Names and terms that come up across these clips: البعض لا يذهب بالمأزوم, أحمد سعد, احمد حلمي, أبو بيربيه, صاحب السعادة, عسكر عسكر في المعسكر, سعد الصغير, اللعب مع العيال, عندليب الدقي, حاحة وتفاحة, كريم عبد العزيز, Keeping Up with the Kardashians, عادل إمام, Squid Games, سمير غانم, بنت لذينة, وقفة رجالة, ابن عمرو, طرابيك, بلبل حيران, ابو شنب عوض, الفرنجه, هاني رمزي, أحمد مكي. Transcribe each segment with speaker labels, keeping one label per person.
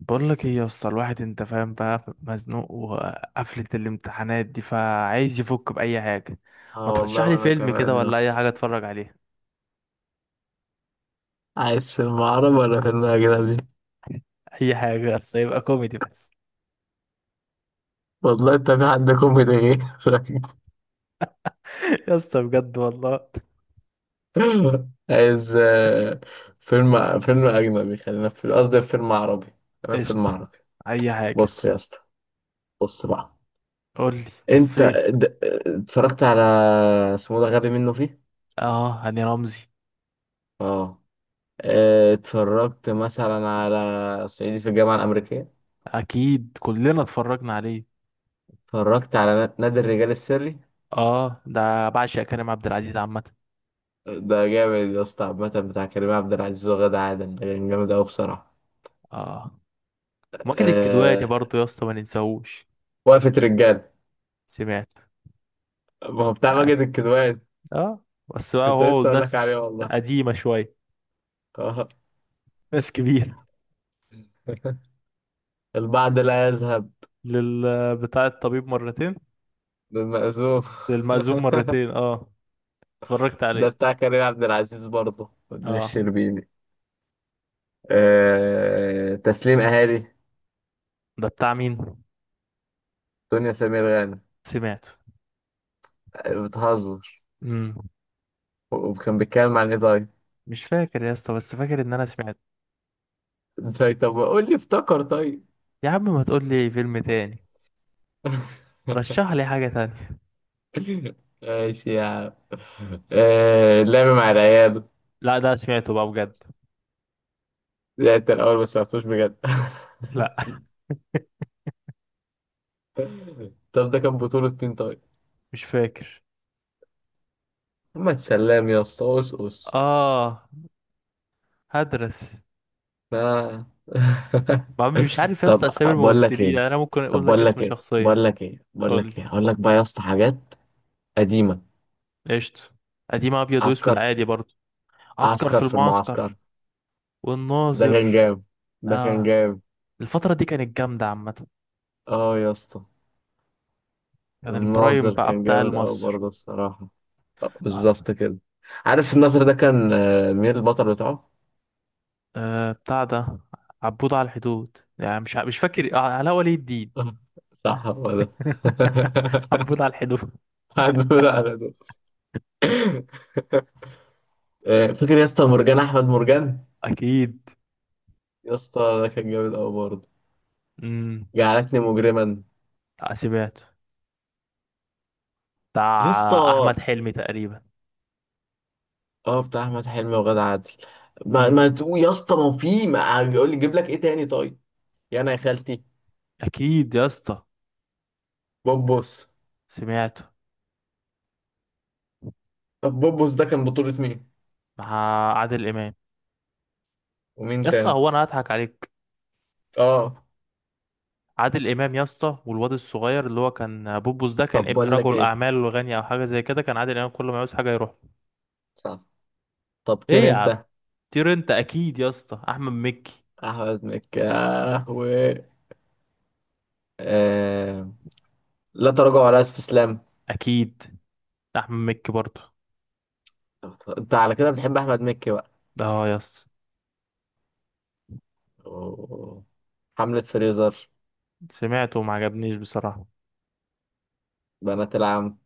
Speaker 1: بقول لك ايه يا اسطى؟ الواحد انت فاهم بقى، مزنوق وقفلة الامتحانات دي، فعايز يفك بأي حاجة. ما
Speaker 2: اه
Speaker 1: ترشح
Speaker 2: والله
Speaker 1: لي
Speaker 2: وانا
Speaker 1: فيلم كده
Speaker 2: كمان يا
Speaker 1: ولا اي
Speaker 2: اسطى.
Speaker 1: حاجة اتفرج عليها.
Speaker 2: عايز فيلم عربي ولا فيلم اجنبي؟
Speaker 1: اي حاجة بس يبقى كوميدي بس.
Speaker 2: والله انت في حد كوميدي غيرك؟
Speaker 1: يا اسطى بجد والله.
Speaker 2: عايز، فيلم فيلم اجنبي خلينا في قصدي في فيلم عربي. خلينا في فيلم
Speaker 1: قشطة،
Speaker 2: عربي.
Speaker 1: اي حاجة.
Speaker 2: بص يا اسطى، بص بقى.
Speaker 1: قول لي،
Speaker 2: انت،
Speaker 1: بصيت.
Speaker 2: د- اتفرجت على، اسمه ده غبي منه فيه.
Speaker 1: اه، هاني رمزي.
Speaker 2: اه. اه، اتفرجت مثلا على صعيدي في الجامعة الأمريكية.
Speaker 1: اكيد كلنا اتفرجنا عليه.
Speaker 2: اتفرجت على نادي الرجال السري.
Speaker 1: اه، ده بعشق كريم عبد العزيز عامة.
Speaker 2: ده جامد يا اسطى، عامة بتاع كريم عبد العزيز وغادة عادل، ده كان جامد أوي بصراحة.
Speaker 1: اه، ماجد الكدواني
Speaker 2: أه...
Speaker 1: برضه يا اسطى، ما ننساهوش.
Speaker 2: وقفة رجالة.
Speaker 1: سمعت.
Speaker 2: ما هو بتاع
Speaker 1: اه.
Speaker 2: ماجد الكدواني.
Speaker 1: آه، بس بقى
Speaker 2: كنت
Speaker 1: هو
Speaker 2: لسه أقول لك عليه
Speaker 1: ناس
Speaker 2: والله.
Speaker 1: قديمة شوية.
Speaker 2: آه.
Speaker 1: ناس كبيرة.
Speaker 2: البعض لا يذهب
Speaker 1: لل بتاع الطبيب مرتين.
Speaker 2: بالمأزوم.
Speaker 1: للمأذون مرتين، اه. اتفرجت
Speaker 2: ده
Speaker 1: عليه.
Speaker 2: بتاع كريم عبد العزيز برضه ودنيا
Speaker 1: اه.
Speaker 2: الشربيني. تسليم أهالي،
Speaker 1: ده بتاع مين؟
Speaker 2: دنيا سمير غانم.
Speaker 1: سمعته.
Speaker 2: بتهزر.
Speaker 1: امم.
Speaker 2: وكان بيتكلم عن إيه طيب؟
Speaker 1: مش فاكر يا اسطى، بس فاكر ان انا سمعته.
Speaker 2: طيب، قول لي افتكر طيب.
Speaker 1: يا عم، ما تقول لي فيلم تاني. رشح لي حاجة تانية.
Speaker 2: ماشي يا عم. اللعب مع العيال.
Speaker 1: لا، ده سمعته بقى بجد.
Speaker 2: لعبت الأول بس معرفتوش بجد.
Speaker 1: لا.
Speaker 2: طب ده كان بطولة مين طيب؟
Speaker 1: مش فاكر.
Speaker 2: محمد سلام يا اسطى، أوس.
Speaker 1: اه. هدرس.
Speaker 2: آه.
Speaker 1: ما عم- مش عارف يا
Speaker 2: طب
Speaker 1: اسطى اسامي
Speaker 2: بقول لك
Speaker 1: الممثلين،
Speaker 2: ايه
Speaker 1: يعني انا ممكن
Speaker 2: طب
Speaker 1: اقول لك
Speaker 2: بقول
Speaker 1: اسم
Speaker 2: لك ايه
Speaker 1: شخصية.
Speaker 2: بقول لك ايه بقول
Speaker 1: قول
Speaker 2: لك
Speaker 1: لي.
Speaker 2: ايه اقول لك بقى يا اسطى حاجات قديمة.
Speaker 1: قشطة. قديم ابيض واسود
Speaker 2: عسكر،
Speaker 1: عادي برضه. عسكر في
Speaker 2: عسكر في المعسكر.
Speaker 1: المعسكر.
Speaker 2: ده كان
Speaker 1: والناظر.
Speaker 2: جامد، ده كان
Speaker 1: اه.
Speaker 2: جامد
Speaker 1: الفترة دي كانت جامدة عامة.
Speaker 2: اه يا اسطى.
Speaker 1: كان البرايم
Speaker 2: الناظر
Speaker 1: بقى
Speaker 2: كان
Speaker 1: بتاع
Speaker 2: جامد قوي
Speaker 1: مصر.
Speaker 2: برضه بصراحة. بالظبط كده. عارف الناظر ده كان، مين البطل بتاعه؟
Speaker 1: أه، بتاع ده عبود على الحدود. يعني مش فاكر. آه، علاء ولي الدين.
Speaker 2: آه، صح، هو ده.
Speaker 1: عبود على الحدود.
Speaker 2: هدول على دول. فاكر يا اسطى مرجان احمد مرجان؟
Speaker 1: أكيد.
Speaker 2: يا اسطى ده كان جامد قوي برضه.
Speaker 1: امم.
Speaker 2: جعلتني مجرما.
Speaker 1: سمعته.
Speaker 2: يا اسطى،
Speaker 1: بتاع أحمد حلمي تقريبا.
Speaker 2: اه بتاع احمد حلمي وغادة عادل. ما,
Speaker 1: امم.
Speaker 2: ما تقول يا اسطى، ما يقول لي جيب لك ايه تاني طيب؟ يا انا يا خالتي.
Speaker 1: أكيد يا اسطى.
Speaker 2: بوبوس.
Speaker 1: سمعته
Speaker 2: طب بوبوس ده كان بطولة مين؟
Speaker 1: مع عادل إمام. يا
Speaker 2: ومين
Speaker 1: اسطى،
Speaker 2: تاني؟
Speaker 1: هو أنا هضحك عليك؟
Speaker 2: اه.
Speaker 1: عادل إمام يا اسطى، والواد الصغير اللي هو كان بوبوس ده، كان
Speaker 2: طب
Speaker 1: ابن
Speaker 2: بقول لك
Speaker 1: رجل
Speaker 2: ايه.
Speaker 1: أعمال وغني أو حاجة زي كده. كان عادل إمام كل ما يعوز حاجة يروح له.
Speaker 2: صح. طب،
Speaker 1: إيه
Speaker 2: طير
Speaker 1: يا عم؟
Speaker 2: انت.
Speaker 1: طير انت، اكيد يا اسطى، احمد مكي.
Speaker 2: احمد مكي، و، آه، لا تراجع ولا استسلام.
Speaker 1: اكيد. احمد مكي برضو.
Speaker 2: انت على كده بتحب احمد مكي بقى؟
Speaker 1: ده اه يا اسطى.
Speaker 2: أوه. حملة فريزر.
Speaker 1: سمعته وما عجبنيش بصراحه.
Speaker 2: بنات العم،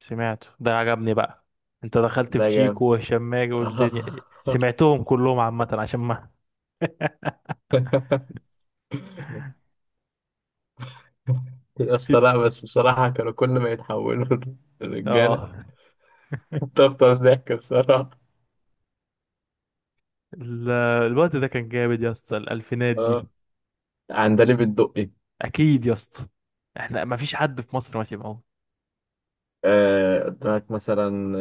Speaker 1: سمعته ده، عجبني بقى. انت دخلت
Speaker 2: ده
Speaker 1: في
Speaker 2: جامد.
Speaker 1: شيكو وهشام ماجد والدنيا.
Speaker 2: آه.
Speaker 1: سمعتهم كلهم عامه عشان ما.
Speaker 2: يا اسطى، لا بس بصراحة كانوا كل ما يتحولوا لرجالة،
Speaker 1: اه.
Speaker 2: تفطس ضحك بصراحة.
Speaker 1: ال- الوقت ده كان جامد يا اسطى، الالفينات دي.
Speaker 2: اه. عندليب الدقي.
Speaker 1: اكيد يا اسطى. احنا ما فيش حد في مصر ما سمعوش.
Speaker 2: قدامك مثلا،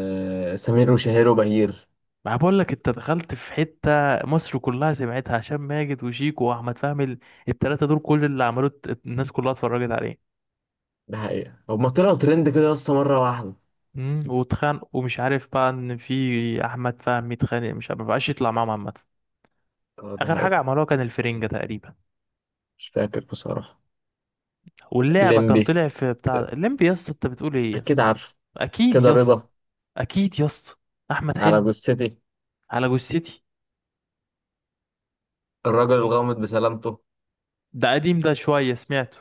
Speaker 2: سمير وشهير وبهير.
Speaker 1: ما بقول لك، انت دخلت في حته مصر كلها سمعتها. هشام ماجد وشيكو واحمد فهمي، الثلاثه دول كل اللي عملوه الناس كلها اتفرجت عليه.
Speaker 2: ده حقيقة هما طلعوا ترند كده يا اسطى مرة واحدة.
Speaker 1: امم. واتخانق ومش عارف بقى، ان في احمد فهمي اتخانق، مش عارف- ما بقاش يطلع معاهم عامه.
Speaker 2: اه، ده
Speaker 1: اخر حاجه
Speaker 2: حقيقة.
Speaker 1: عملوها كان الفرنجه تقريبا.
Speaker 2: مش فاكر بصراحة.
Speaker 1: واللعبه، كان
Speaker 2: الليمبي،
Speaker 1: طلع في بتاع الليمبي. يا اسطى انت بتقول ايه يا
Speaker 2: أكيد
Speaker 1: اسطى؟
Speaker 2: عارف.
Speaker 1: اكيد
Speaker 2: كده
Speaker 1: يا اسطى.
Speaker 2: رضا.
Speaker 1: اكيد يا اسطى. احمد
Speaker 2: على
Speaker 1: حلمي.
Speaker 2: جثتي.
Speaker 1: على جثتي.
Speaker 2: الرجل الغامض بسلامته.
Speaker 1: ده قديم ده شويه، سمعته.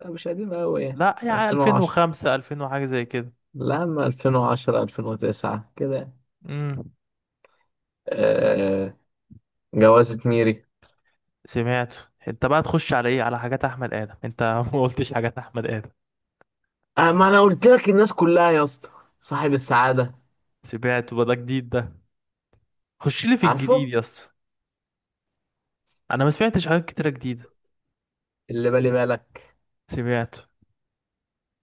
Speaker 2: لا، مش قديمة أوي يعني.
Speaker 1: لا يعني
Speaker 2: 2010.
Speaker 1: 2005، 2000 وحاجه زي كده.
Speaker 2: لا، أما 2010 2009 كده يعني.
Speaker 1: امم.
Speaker 2: آه. جوازة ميري.
Speaker 1: سمعته. انت بقى تخش على ايه، على حاجات احمد ادم انت؟ ما قلتش حاجات احمد ادم.
Speaker 2: آه، ما أنا قلت لك الناس كلها يا اسطى. صاحب السعادة.
Speaker 1: سمعته بقى، ده جديد ده. خش لي في الجديد
Speaker 2: عارفه.
Speaker 1: يا اسطى، انا ما سمعتش حاجات كتيره جديده.
Speaker 2: اللي بالي بالك.
Speaker 1: سمعته.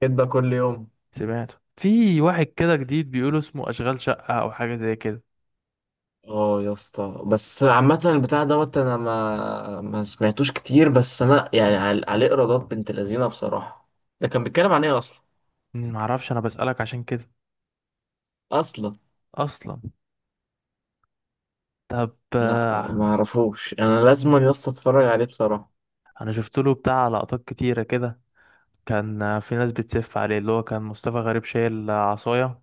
Speaker 2: كدبة كل يوم.
Speaker 1: سمعته. في واحد كده جديد بيقولوا اسمه اشغال شقه او حاجه زي كده.
Speaker 2: اه يا اسطى، بس عامة البتاع دوت أنا ما سمعتوش كتير، بس أنا يعني، عليه إيرادات بنت لذينة بصراحة. ده كان بيتكلم عن إيه أصلا؟
Speaker 1: ما اعرفش، انا بسالك عشان كده.
Speaker 2: أصلا،
Speaker 1: اصلا. طب
Speaker 2: لا،
Speaker 1: آه،
Speaker 2: ما أعرفوش، أنا لازم يا اسطى أتفرج عليه بصراحة.
Speaker 1: انا شفت له بتاع لقطات كتيره كده. كان آه، في ناس بتسف عليه. اللي هو كان مصطفى غريب شايل آه، عصايه،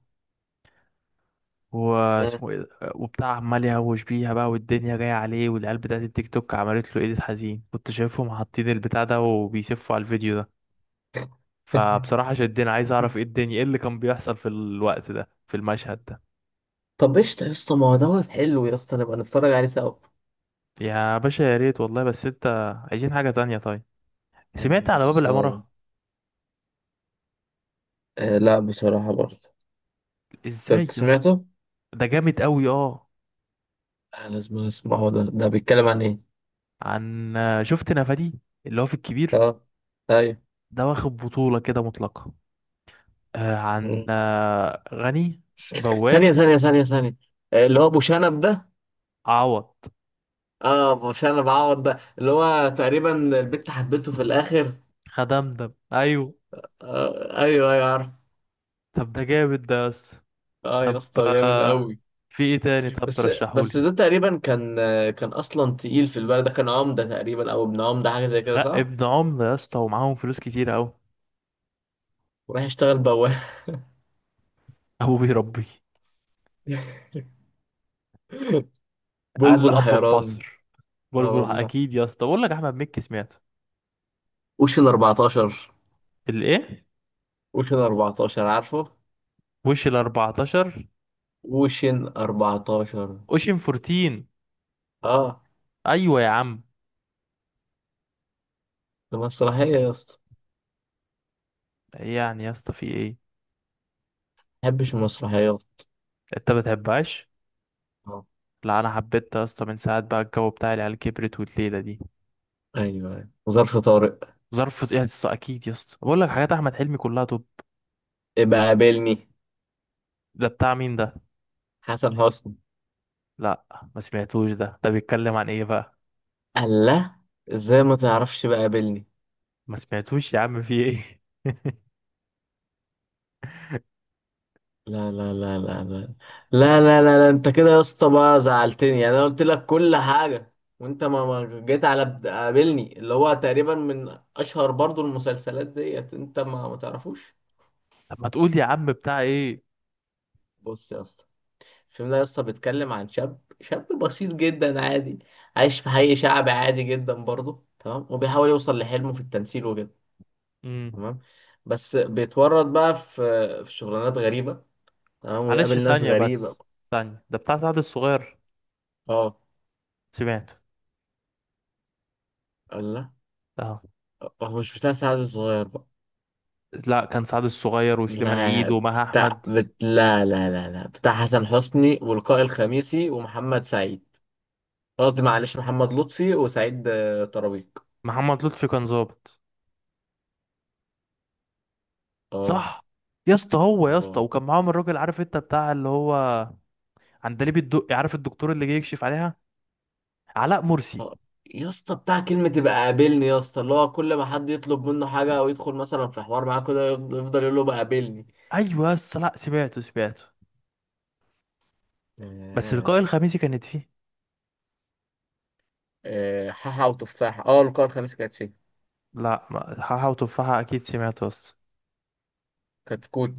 Speaker 2: مم.
Speaker 1: واسمه ايه ده؟ وبتاع عمال يهوش بيها بقى، والدنيا جاية عليه، والعيال بتاعت التيك توك عملت له ايديت حزين. كنت شايفهم حاطين البتاع ده وبيسفوا على الفيديو ده. فبصراحة شدني، عايز اعرف ايه الدنيا، ايه اللي كان بيحصل في الوقت ده في المشهد ده.
Speaker 2: طب قشطة يا اسطى، ما هو دوت حلو يا اسطى، نبقى نتفرج عليه سوا.
Speaker 1: يا باشا، يا ريت والله. بس انت عايزين حاجة تانية طيب.
Speaker 2: يا عم
Speaker 1: سمعت على باب
Speaker 2: خلصان.
Speaker 1: العمارة؟
Speaker 2: آه لا بصراحة برضه. ده
Speaker 1: ازاي
Speaker 2: انت
Speaker 1: يس!
Speaker 2: سمعته؟
Speaker 1: ده جامد قوي، اه.
Speaker 2: آه لازم اسمعه ده، ده بيتكلم عن ايه؟
Speaker 1: عن، شفت نفادي اللي هو في الكبير؟
Speaker 2: اه. طيب.
Speaker 1: ده واخد بطولة كده مطلقة. آه، عن
Speaker 2: مم.
Speaker 1: آه، غني
Speaker 2: ثانية
Speaker 1: بواب.
Speaker 2: ثانية ثانية ثانية. آه اللي هو ابو شنب ده.
Speaker 1: عوض.
Speaker 2: اه، ابو شنب عوض، ده اللي هو تقريبا البت حبته في الاخر.
Speaker 1: هدمدم، ايوه.
Speaker 2: آه، ايوه ايوه عارف.
Speaker 1: طب ده جامد ده يا اسطى.
Speaker 2: اه يا
Speaker 1: طب
Speaker 2: اسطى جامد
Speaker 1: آه،
Speaker 2: قوي.
Speaker 1: في ايه تاني طب
Speaker 2: بس، بس
Speaker 1: ترشحولي؟
Speaker 2: ده تقريبا كان، كان اصلا تقيل في البلد، ده كان عمدة تقريبا او ابن عمدة حاجة زي كده، صح؟
Speaker 1: ابن عمرو يا اسطى، ومعاهم فلوس كتير قوي.
Speaker 2: وراح يشتغل بواب.
Speaker 1: ابو بيربيه. اقل
Speaker 2: بلبل
Speaker 1: اب في
Speaker 2: حيران.
Speaker 1: مصر.
Speaker 2: اه
Speaker 1: بلبل،
Speaker 2: والله.
Speaker 1: اكيد يا اسطى، بقول لك احمد مكي سمعته.
Speaker 2: اوشن 14.
Speaker 1: الايه؟
Speaker 2: اوشن 14 عارفه.
Speaker 1: وش ال 14؟
Speaker 2: اوشن 14.
Speaker 1: اوشن 14.
Speaker 2: اه،
Speaker 1: ايوه يا عم.
Speaker 2: ده مسرحية يا اسطى،
Speaker 1: يعني يا اسطى في ايه؟
Speaker 2: ما بحبش المسرحيات.
Speaker 1: انت ما بتحبهاش؟
Speaker 2: اه
Speaker 1: لا، انا حبيتها يا اسطى من ساعه بقى الجو بتاع العيال كبرت والليله دي.
Speaker 2: ايوه ايوه، ظرف طارق.
Speaker 1: ظرف ايه يا اسطى؟ اكيد يا اسطى، بقول لك حاجات احمد حلمي كلها توب.
Speaker 2: ابقى قابلني.
Speaker 1: ده بتاع مين ده؟
Speaker 2: حسن حسني.
Speaker 1: لا، ما سمعتوش ده. ده بيتكلم عن ايه بقى؟
Speaker 2: الله، ازاي ما تعرفش بقى قابلني؟
Speaker 1: ما سمعتوش يا عم، في ايه؟
Speaker 2: لا لا لا لا لا. لا. انت كده يا اسطى بقى زعلتني، يعني انا قلت لك كل حاجة، وانت ما جيت على، قابلني، اللي هو تقريبا من اشهر برضو المسلسلات ديت، انت ما تعرفوش.
Speaker 1: طب ما تقول يا عم بتاع ايه.
Speaker 2: بص يا اسطى. الفيلم ده يا اسطى بيتكلم عن شاب، شاب بسيط جدا عادي، عايش في حي شعبي عادي جدا برضه، تمام؟ وبيحاول يوصل لحلمه في التمثيل وكده،
Speaker 1: امم.
Speaker 2: تمام؟ بس بيتورط بقى في شغلانات غريبة، تمام،
Speaker 1: معلش
Speaker 2: ويقابل ناس
Speaker 1: ثانية
Speaker 2: غريبة.
Speaker 1: بس. ثانية، ده بتاع سعد الصغير؟
Speaker 2: اه
Speaker 1: سمعته.
Speaker 2: لا،
Speaker 1: اه.
Speaker 2: هو مش بتاع سعد الصغير بقى.
Speaker 1: لا، كان سعد الصغير وسليمان عيد
Speaker 2: لا،
Speaker 1: ومها احمد.
Speaker 2: لا لا لا لا، بتاع حسن حسني ولقاء الخميسي ومحمد سعيد. قصدي معلش، محمد لطفي وسعيد، طرابيك.
Speaker 1: محمد لطفي كان ظابط،
Speaker 2: اه.
Speaker 1: صح؟ يا اسطى، هو يا اسطى
Speaker 2: اه.
Speaker 1: وكان معاهم الراجل، عارف انت بتاع اللي هو عندليب الدقي، عارف الدكتور اللي جاي يكشف عليها؟ علاء مرسي.
Speaker 2: آه، يا اسطى بتاع كلمة يبقى قابلني يا اسطى، اللي هو كل ما حد يطلب منه حاجة أو يدخل مثلا في حوار معاه كده، يفضل يقول له بقى قابلني.
Speaker 1: ايوه يا اسطى، لا سمعته، سمعته. بس
Speaker 2: آه.
Speaker 1: لقاء الخميسي كانت فيه.
Speaker 2: حاحة وتفاحة. اه، القارة الخامسة كانت شيء.
Speaker 1: لا حاحة وتفاحة اكيد سمعته يا اسطى.
Speaker 2: كانت كوت،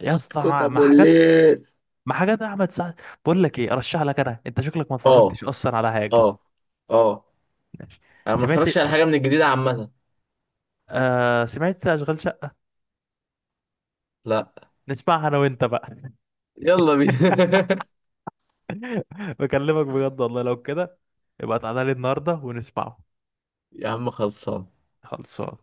Speaker 1: يا اسطى
Speaker 2: كوت
Speaker 1: مع، مع
Speaker 2: أبو
Speaker 1: حاجات،
Speaker 2: الليل.
Speaker 1: مع حاجات احمد سعد. بقول لك ايه، ارشح لك انا، انت شكلك ما
Speaker 2: اه.
Speaker 1: اتفرجتش اصلا على حاجة.
Speaker 2: اه. اه.
Speaker 1: ماشي.
Speaker 2: أنا ما
Speaker 1: سمعت،
Speaker 2: اتفرجش على حاجة من الجديدة عامة.
Speaker 1: آه سمعت اشغال شقة.
Speaker 2: لا.
Speaker 1: نسمعها انا وانت بقى.
Speaker 2: يلا بينا.
Speaker 1: بكلمك بجد والله، لو كده يبقى تعالى لي النهارده ونسمعه.
Speaker 2: يا عم خلصان.
Speaker 1: خلصان.